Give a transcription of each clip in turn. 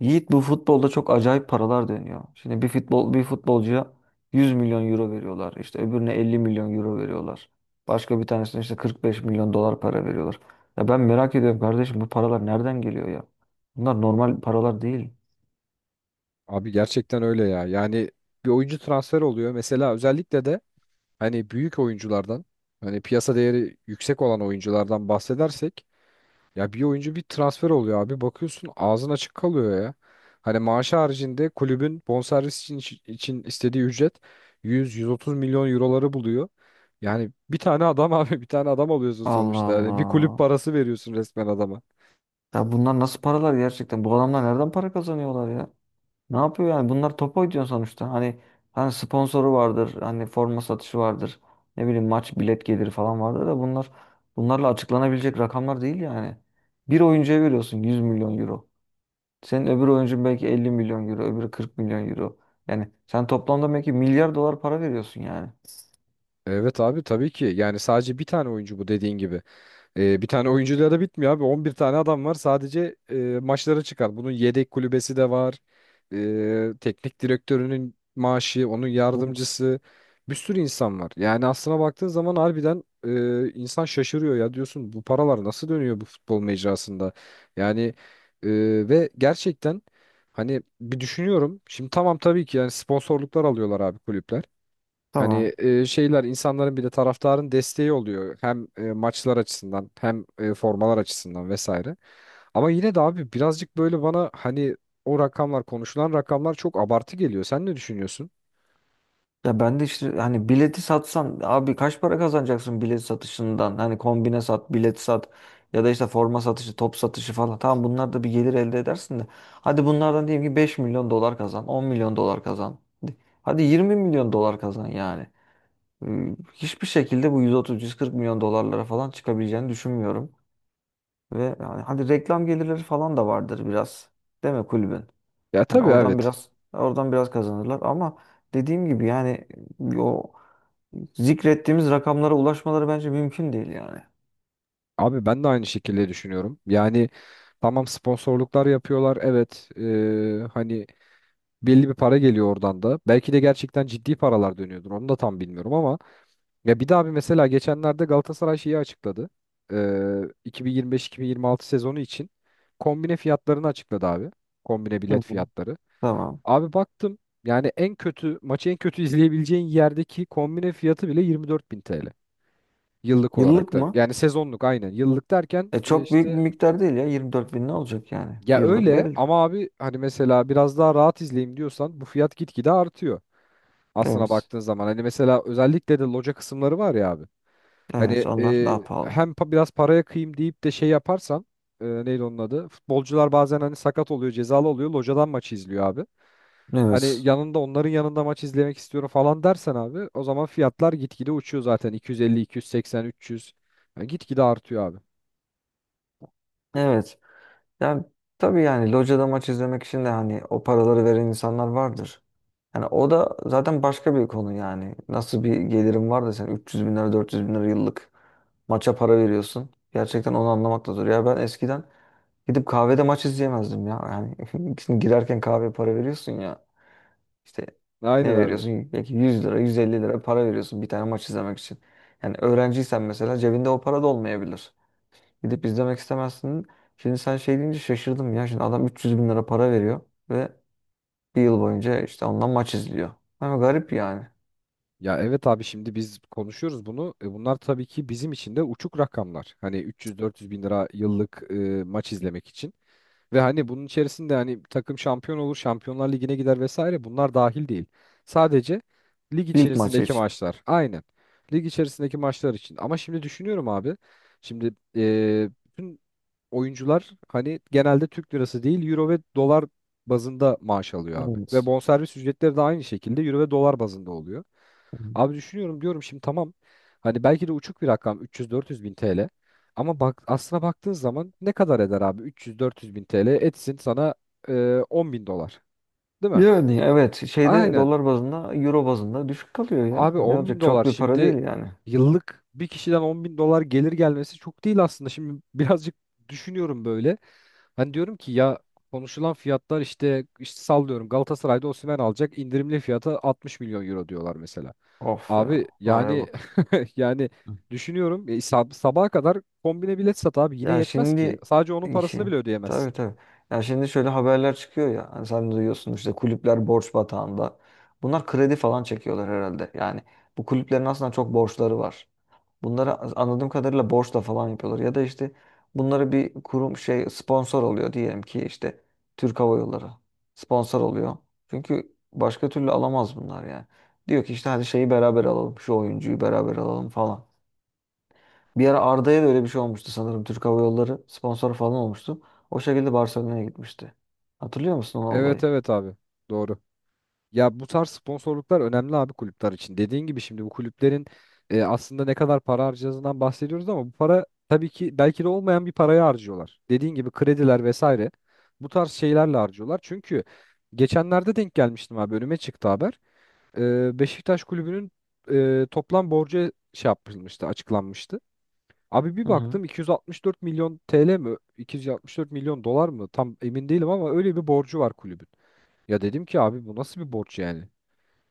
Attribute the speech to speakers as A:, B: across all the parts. A: Yiğit, bu futbolda çok acayip paralar dönüyor. Şimdi bir futbolcuya 100 milyon euro veriyorlar. İşte öbürüne 50 milyon euro veriyorlar. Başka bir tanesine işte 45 milyon dolar para veriyorlar. Ya ben merak ediyorum kardeşim, bu paralar nereden geliyor ya? Bunlar normal paralar değil.
B: Abi gerçekten öyle ya. Yani bir oyuncu transfer oluyor. Mesela özellikle de hani büyük oyunculardan hani piyasa değeri yüksek olan oyunculardan bahsedersek ya bir oyuncu bir transfer oluyor abi. Bakıyorsun ağzın açık kalıyor ya. Hani maaşı haricinde kulübün bonservis için istediği ücret 100-130 milyon euroları buluyor. Yani bir tane adam abi bir tane adam alıyorsun
A: Allah
B: sonuçta. Hani bir kulüp
A: Allah.
B: parası veriyorsun resmen adama.
A: Ya bunlar nasıl paralar gerçekten? Bu adamlar nereden para kazanıyorlar ya? Ne yapıyor yani? Bunlar top oynuyor sonuçta. Hani sponsoru vardır, hani forma satışı vardır. Ne bileyim maç bilet geliri falan vardır da bunlarla açıklanabilecek rakamlar değil yani. Bir oyuncuya veriyorsun 100 milyon euro. Senin öbür oyuncun belki 50 milyon euro, öbürü 40 milyon euro. Yani sen toplamda belki milyar dolar para veriyorsun yani.
B: Evet abi tabii ki. Yani sadece bir tane oyuncu bu dediğin gibi. Bir tane oyuncuyla da bitmiyor abi. 11 tane adam var sadece maçlara çıkan. Bunun yedek kulübesi de var. Teknik direktörünün maaşı, onun
A: Evet.
B: yardımcısı. Bir sürü insan var. Yani aslına baktığın zaman harbiden insan şaşırıyor ya diyorsun bu paralar nasıl dönüyor bu futbol mecrasında? Yani e, ve gerçekten hani bir düşünüyorum. Şimdi tamam tabii ki yani sponsorluklar alıyorlar abi kulüpler.
A: Tamam.
B: Hani şeyler insanların bir de taraftarın desteği oluyor. Hem maçlar açısından hem formalar açısından vesaire. Ama yine de abi birazcık böyle bana hani o rakamlar konuşulan rakamlar çok abartı geliyor. Sen ne düşünüyorsun?
A: Ya ben de işte hani bileti satsan abi kaç para kazanacaksın bilet satışından? Hani kombine sat, bilet sat ya da işte forma satışı, top satışı falan. Tamam, bunlar da bir gelir elde edersin de. Hadi bunlardan diyelim ki 5 milyon dolar kazan, 10 milyon dolar kazan. Hadi 20 milyon dolar kazan yani. Hiçbir şekilde bu 130-140 milyon dolarlara falan çıkabileceğini düşünmüyorum. Ve yani hadi reklam gelirleri falan da vardır biraz. Değil mi kulübün?
B: Ya tabii evet.
A: Oradan biraz kazanırlar ama dediğim gibi yani o zikrettiğimiz rakamlara ulaşmaları bence mümkün değil yani.
B: Abi ben de aynı şekilde düşünüyorum. Yani tamam sponsorluklar yapıyorlar. Evet hani belli bir para geliyor oradan da. Belki de gerçekten ciddi paralar dönüyordur. Onu da tam bilmiyorum ama ya bir de abi mesela geçenlerde Galatasaray şeyi açıkladı. Ee, 2025-2026 sezonu için kombine fiyatlarını açıkladı abi. Kombine
A: Hı
B: bilet
A: hı.
B: fiyatları.
A: Tamam.
B: Abi baktım yani en kötü maçı en kötü izleyebileceğin yerdeki kombine fiyatı bile 24 bin TL. Yıllık olarak
A: Yıllık
B: tabii.
A: mı?
B: Yani sezonluk aynen. Yıllık derken
A: E çok büyük bir
B: işte
A: miktar değil ya. 24 bin ne olacak yani?
B: ya
A: Yıllık
B: öyle
A: verilir.
B: ama abi hani mesela biraz daha rahat izleyeyim diyorsan bu fiyat gitgide artıyor, aslına
A: Evet.
B: baktığın zaman. Hani mesela özellikle de loca kısımları var ya abi. Hani
A: Evet, onlar daha pahalı.
B: hem biraz paraya kıyayım deyip de şey yaparsan neydi onun adı? Futbolcular bazen hani sakat oluyor, cezalı oluyor. Locadan maçı izliyor abi. Hani
A: Evet.
B: yanında onların yanında maç izlemek istiyorum falan dersen abi o zaman fiyatlar gitgide uçuyor zaten. 250, 280, 300. Yani gitgide artıyor abi.
A: Evet. Ya tabii, yani locada maç izlemek için de hani o paraları veren insanlar vardır. Yani o da zaten başka bir konu yani. Nasıl bir gelirim var da sen 300 bin lira 400 bin lira yıllık maça para veriyorsun? Gerçekten onu anlamak da zor. Ya ben eskiden gidip kahvede maç izleyemezdim ya. Yani şimdi girerken kahveye para veriyorsun ya. İşte
B: Aynen
A: ne
B: abi.
A: veriyorsun? Belki 100 lira 150 lira para veriyorsun bir tane maç izlemek için. Yani öğrenciysen mesela cebinde o para da olmayabilir. Gidip izlemek istemezsin. Şimdi sen şey deyince şaşırdım ya. Şimdi adam 300 bin lira para veriyor ve bir yıl boyunca işte ondan maç izliyor. Ama garip yani.
B: Ya evet abi şimdi biz konuşuyoruz bunu. Bunlar tabii ki bizim için de uçuk rakamlar. Hani 300-400 bin lira yıllık maç izlemek için. Ve hani bunun içerisinde hani takım şampiyon olur, Şampiyonlar Ligi'ne gider vesaire bunlar dahil değil. Sadece lig
A: Lig maçı
B: içerisindeki
A: için.
B: maçlar. Aynen. Lig içerisindeki maçlar için. Ama şimdi düşünüyorum abi. Şimdi bütün oyuncular hani genelde Türk lirası değil euro ve dolar bazında maaş alıyor abi. Ve
A: Evet.
B: bonservis ücretleri de aynı şekilde euro ve dolar bazında oluyor. Abi düşünüyorum diyorum şimdi tamam hani belki de uçuk bir rakam 300-400 bin TL ama bak aslına baktığın zaman ne kadar eder abi 300-400 bin TL etsin sana 10 bin dolar değil mi?
A: Yani evet, şeyde
B: Aynen.
A: dolar bazında euro bazında düşük kalıyor ya.
B: Abi
A: Ne
B: 10
A: olacak,
B: bin
A: çok
B: dolar
A: bir para değil
B: şimdi
A: yani.
B: yıllık bir kişiden 10 bin dolar gelir gelmesi çok değil aslında. Şimdi birazcık düşünüyorum böyle. Hani diyorum ki ya konuşulan fiyatlar işte sallıyorum Galatasaray'da Osimhen alacak indirimli fiyata 60 milyon euro diyorlar mesela.
A: Of ya,
B: Abi
A: paraya
B: yani
A: bak.
B: yani düşünüyorum sabaha kadar kombine bilet sat abi yine
A: Ya
B: yetmez ki.
A: şimdi
B: Sadece onun parasını
A: işin
B: bile
A: tabii
B: ödeyemezsin.
A: tabii. Ya şimdi şöyle haberler çıkıyor ya. Hani sen de duyuyorsun, işte kulüpler borç batağında. Bunlar kredi falan çekiyorlar herhalde. Yani bu kulüplerin aslında çok borçları var. Bunları anladığım kadarıyla borçla falan yapıyorlar. Ya da işte bunları bir kurum şey sponsor oluyor diyelim ki işte Türk Hava Yolları sponsor oluyor. Çünkü başka türlü alamaz bunlar yani. Diyor ki işte hadi şeyi beraber alalım, şu oyuncuyu beraber alalım falan. Bir ara Arda'ya da öyle bir şey olmuştu sanırım. Türk Hava Yolları sponsor falan olmuştu. O şekilde Barcelona'ya gitmişti. Hatırlıyor musun o
B: Evet
A: olayı?
B: evet abi doğru. Ya bu tarz sponsorluklar önemli abi kulüpler için. Dediğin gibi şimdi bu kulüplerin aslında ne kadar para harcadığından bahsediyoruz ama bu para tabii ki belki de olmayan bir parayı harcıyorlar. Dediğin gibi krediler vesaire bu tarz şeylerle harcıyorlar. Çünkü geçenlerde denk gelmiştim abi önüme çıktı haber. Beşiktaş kulübünün toplam borcu şey yapılmıştı, açıklanmıştı. Abi bir
A: Hı hı.
B: baktım 264 milyon TL mi? 264 milyon dolar mı? Tam emin değilim ama öyle bir borcu var kulübün. Ya dedim ki abi bu nasıl bir borç yani?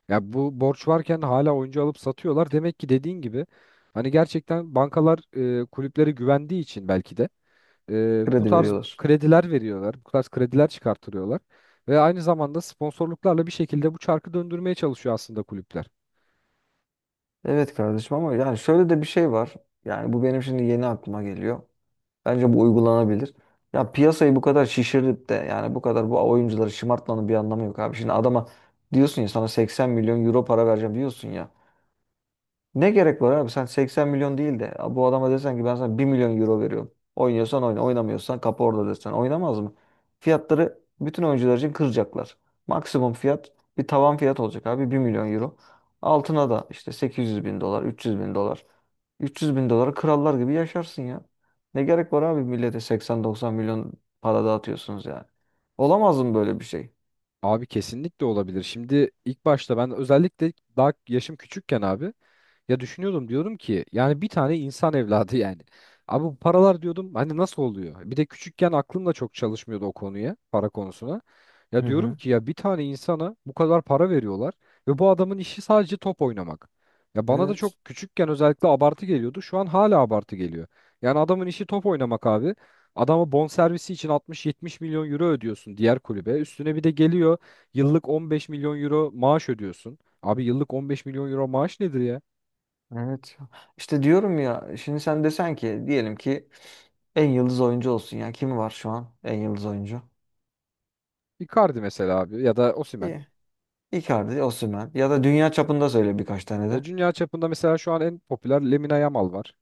B: Ya bu borç varken hala oyuncu alıp satıyorlar. Demek ki dediğin gibi hani gerçekten bankalar kulüplere güvendiği için belki de bu
A: Kredi
B: tarz
A: veriyorlar.
B: krediler veriyorlar. Bu tarz krediler çıkartırıyorlar. Ve aynı zamanda sponsorluklarla bir şekilde bu çarkı döndürmeye çalışıyor aslında kulüpler.
A: Evet kardeşim, ama yani şöyle de bir şey var. Yani bu benim şimdi yeni aklıma geliyor. Bence bu uygulanabilir. Ya piyasayı bu kadar şişirip de yani bu kadar bu oyuncuları şımartmanın bir anlamı yok abi. Şimdi adama diyorsun ya sana 80 milyon euro para vereceğim diyorsun ya. Ne gerek var abi? Sen 80 milyon değil de bu adama desen ki ben sana bir milyon euro veriyorum. Oynuyorsan oyna, oynamıyorsan kapı orada desen. Oynamaz mı? Fiyatları bütün oyuncular için kıracaklar. Maksimum fiyat, bir tavan fiyat olacak abi, bir milyon euro. Altına da işte 800 bin dolar, 300 bin dolar. 300 bin dolara krallar gibi yaşarsın ya. Ne gerek var abi millete 80-90 milyon para dağıtıyorsunuz yani. Olamaz mı böyle bir şey?
B: Abi kesinlikle olabilir. Şimdi ilk başta ben özellikle daha yaşım küçükken abi ya düşünüyordum diyorum ki yani bir tane insan evladı yani. Abi bu paralar diyordum hani nasıl oluyor? Bir de küçükken aklım da çok çalışmıyordu o konuya, para konusuna.
A: Hı
B: Ya diyorum
A: hı.
B: ki ya bir tane insana bu kadar para veriyorlar ve bu adamın işi sadece top oynamak. Ya bana da
A: Evet.
B: çok küçükken özellikle abartı geliyordu. Şu an hala abartı geliyor. Yani adamın işi top oynamak abi. Adama bonservisi için 60, 70 milyon euro ödüyorsun diğer kulübe. Üstüne bir de geliyor yıllık 15 milyon euro maaş ödüyorsun. Abi yıllık 15 milyon euro maaş nedir ya?
A: Evet. İşte diyorum ya şimdi sen desen ki diyelim ki en yıldız oyuncu olsun ya. Kim var şu an en yıldız oyuncu?
B: Icardi mesela abi ya da Osimhen.
A: İyi. Icardi, Osimhen ya da dünya çapında söyle birkaç tane de.
B: Dünya çapında mesela şu an en popüler Lamine Yamal var.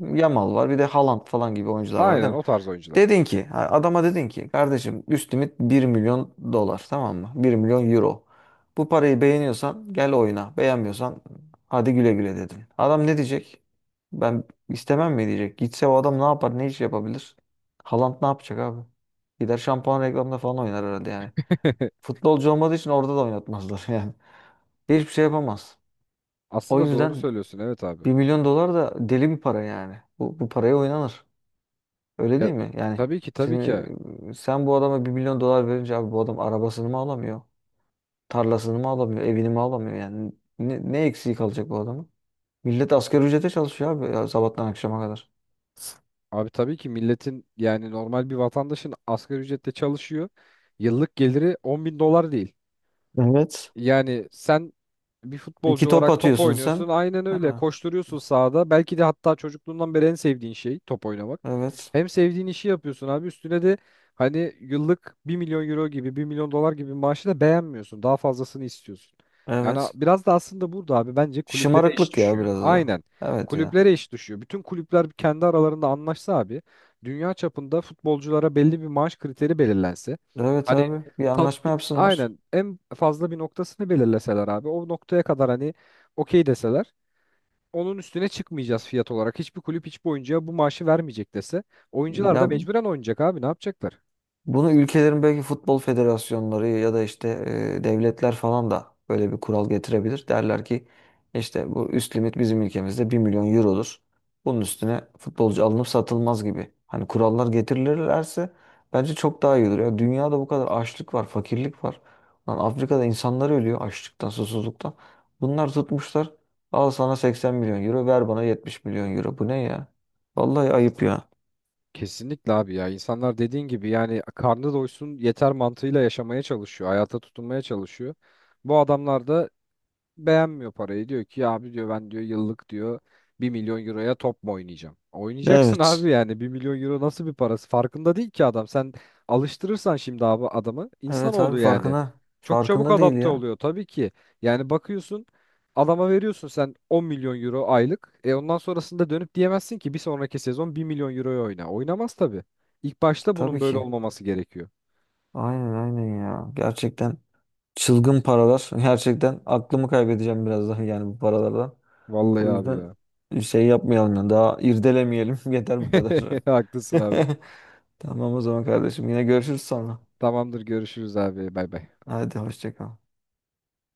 A: Yamal var, bir de Haaland falan gibi oyuncular var değil
B: Aynen
A: mi?
B: o tarz oyuncular.
A: Dedin ki ha, adama dedin ki kardeşim üst limit bir milyon dolar, tamam mı? Bir milyon euro. Bu parayı beğeniyorsan gel oyna. Beğenmiyorsan hadi güle güle dedin. Adam ne diyecek? Ben istemem mi diyecek? Gitse o adam ne yapar? Ne iş yapabilir? Haaland ne yapacak abi? Gider şampuan reklamında falan oynar herhalde yani. Futbolcu olmadığı için orada da oynatmazlar yani. Hiçbir şey yapamaz. O
B: Aslında doğru
A: yüzden
B: söylüyorsun evet abi.
A: bir milyon dolar da deli bir para yani. Bu paraya oynanır. Öyle
B: Ya
A: değil mi? Yani
B: tabii ki tabii
A: şimdi
B: ki.
A: sen bu adama bir milyon dolar verince abi bu adam arabasını mı alamıyor? Tarlasını mı alamıyor? Evini mi alamıyor? Yani ne eksiği kalacak bu adamın? Millet asgari ücrete çalışıyor abi ya, sabahtan akşama kadar.
B: Abi tabii ki milletin yani normal bir vatandaşın asgari ücretle çalışıyor. Yıllık geliri 10 bin dolar değil.
A: Evet.
B: Yani sen bir
A: İki
B: futbolcu
A: top
B: olarak top
A: atıyorsun
B: oynuyorsun.
A: sen.
B: Aynen öyle.
A: Ha,
B: Koşturuyorsun sahada. Belki de hatta çocukluğundan beri en sevdiğin şey top oynamak.
A: evet.
B: Hem sevdiğin işi yapıyorsun abi. Üstüne de hani yıllık 1 milyon euro gibi 1 milyon dolar gibi bir maaşı da beğenmiyorsun. Daha fazlasını istiyorsun. Yani
A: Evet.
B: biraz da aslında burada abi bence kulüplere iş
A: Şımarıklık ya
B: düşüyor.
A: biraz da.
B: Aynen.
A: Evet ya.
B: Kulüplere iş düşüyor. Bütün kulüpler kendi aralarında anlaşsa abi dünya çapında futbolculara belli bir maaş kriteri belirlense.
A: Evet
B: Hani
A: abi. Bir
B: Tab
A: anlaşma yapsınlar.
B: aynen en fazla bir noktasını belirleseler abi o noktaya kadar hani okey deseler onun üstüne çıkmayacağız fiyat olarak. Hiçbir kulüp hiçbir oyuncuya bu maaşı vermeyecek dese oyuncular da
A: Ya
B: mecburen oynayacak abi ne yapacaklar?
A: bunu ülkelerin belki futbol federasyonları ya da işte devletler falan da böyle bir kural getirebilir. Derler ki işte bu üst limit bizim ülkemizde bir milyon eurodur. Bunun üstüne futbolcu alınıp satılmaz gibi. Hani kurallar getirilirlerse bence çok daha iyi olur. Ya dünyada bu kadar açlık var, fakirlik var. Lan Afrika'da insanlar ölüyor açlıktan, susuzluktan. Bunlar tutmuşlar. Al sana 80 milyon euro, ver bana 70 milyon euro. Bu ne ya? Vallahi ayıp ya.
B: Kesinlikle abi ya insanlar dediğin gibi yani karnı doysun yeter mantığıyla yaşamaya çalışıyor hayata tutunmaya çalışıyor. Bu adamlar da beğenmiyor parayı. Diyor ki ya abi diyor ben diyor yıllık diyor 1 milyon euroya top mu oynayacağım? Oynayacaksın abi
A: Evet.
B: yani 1 milyon euro nasıl bir parası? Farkında değil ki adam. Sen alıştırırsan şimdi abi adamı insan
A: Evet abi,
B: oldu yani. Çok çabuk
A: farkında değil
B: adapte
A: ya.
B: oluyor tabii ki. Yani bakıyorsun adama veriyorsun sen 10 milyon euro aylık. Ondan sonrasında dönüp diyemezsin ki bir sonraki sezon 1 milyon euroya oyna. Oynamaz tabii. İlk başta bunun
A: Tabii
B: böyle
A: ki.
B: olmaması gerekiyor.
A: Aynen aynen ya. Gerçekten çılgın paralar. Gerçekten aklımı kaybedeceğim biraz daha yani bu paralardan.
B: Vallahi
A: O
B: abi
A: yüzden
B: ya.
A: şey yapmayalım yani, daha irdelemeyelim. Yeter bu kadar.
B: Haklısın abi.
A: Tamam o zaman kardeşim, yine görüşürüz sonra.
B: Tamamdır görüşürüz abi. Bay bay.
A: Hadi hoşça kal.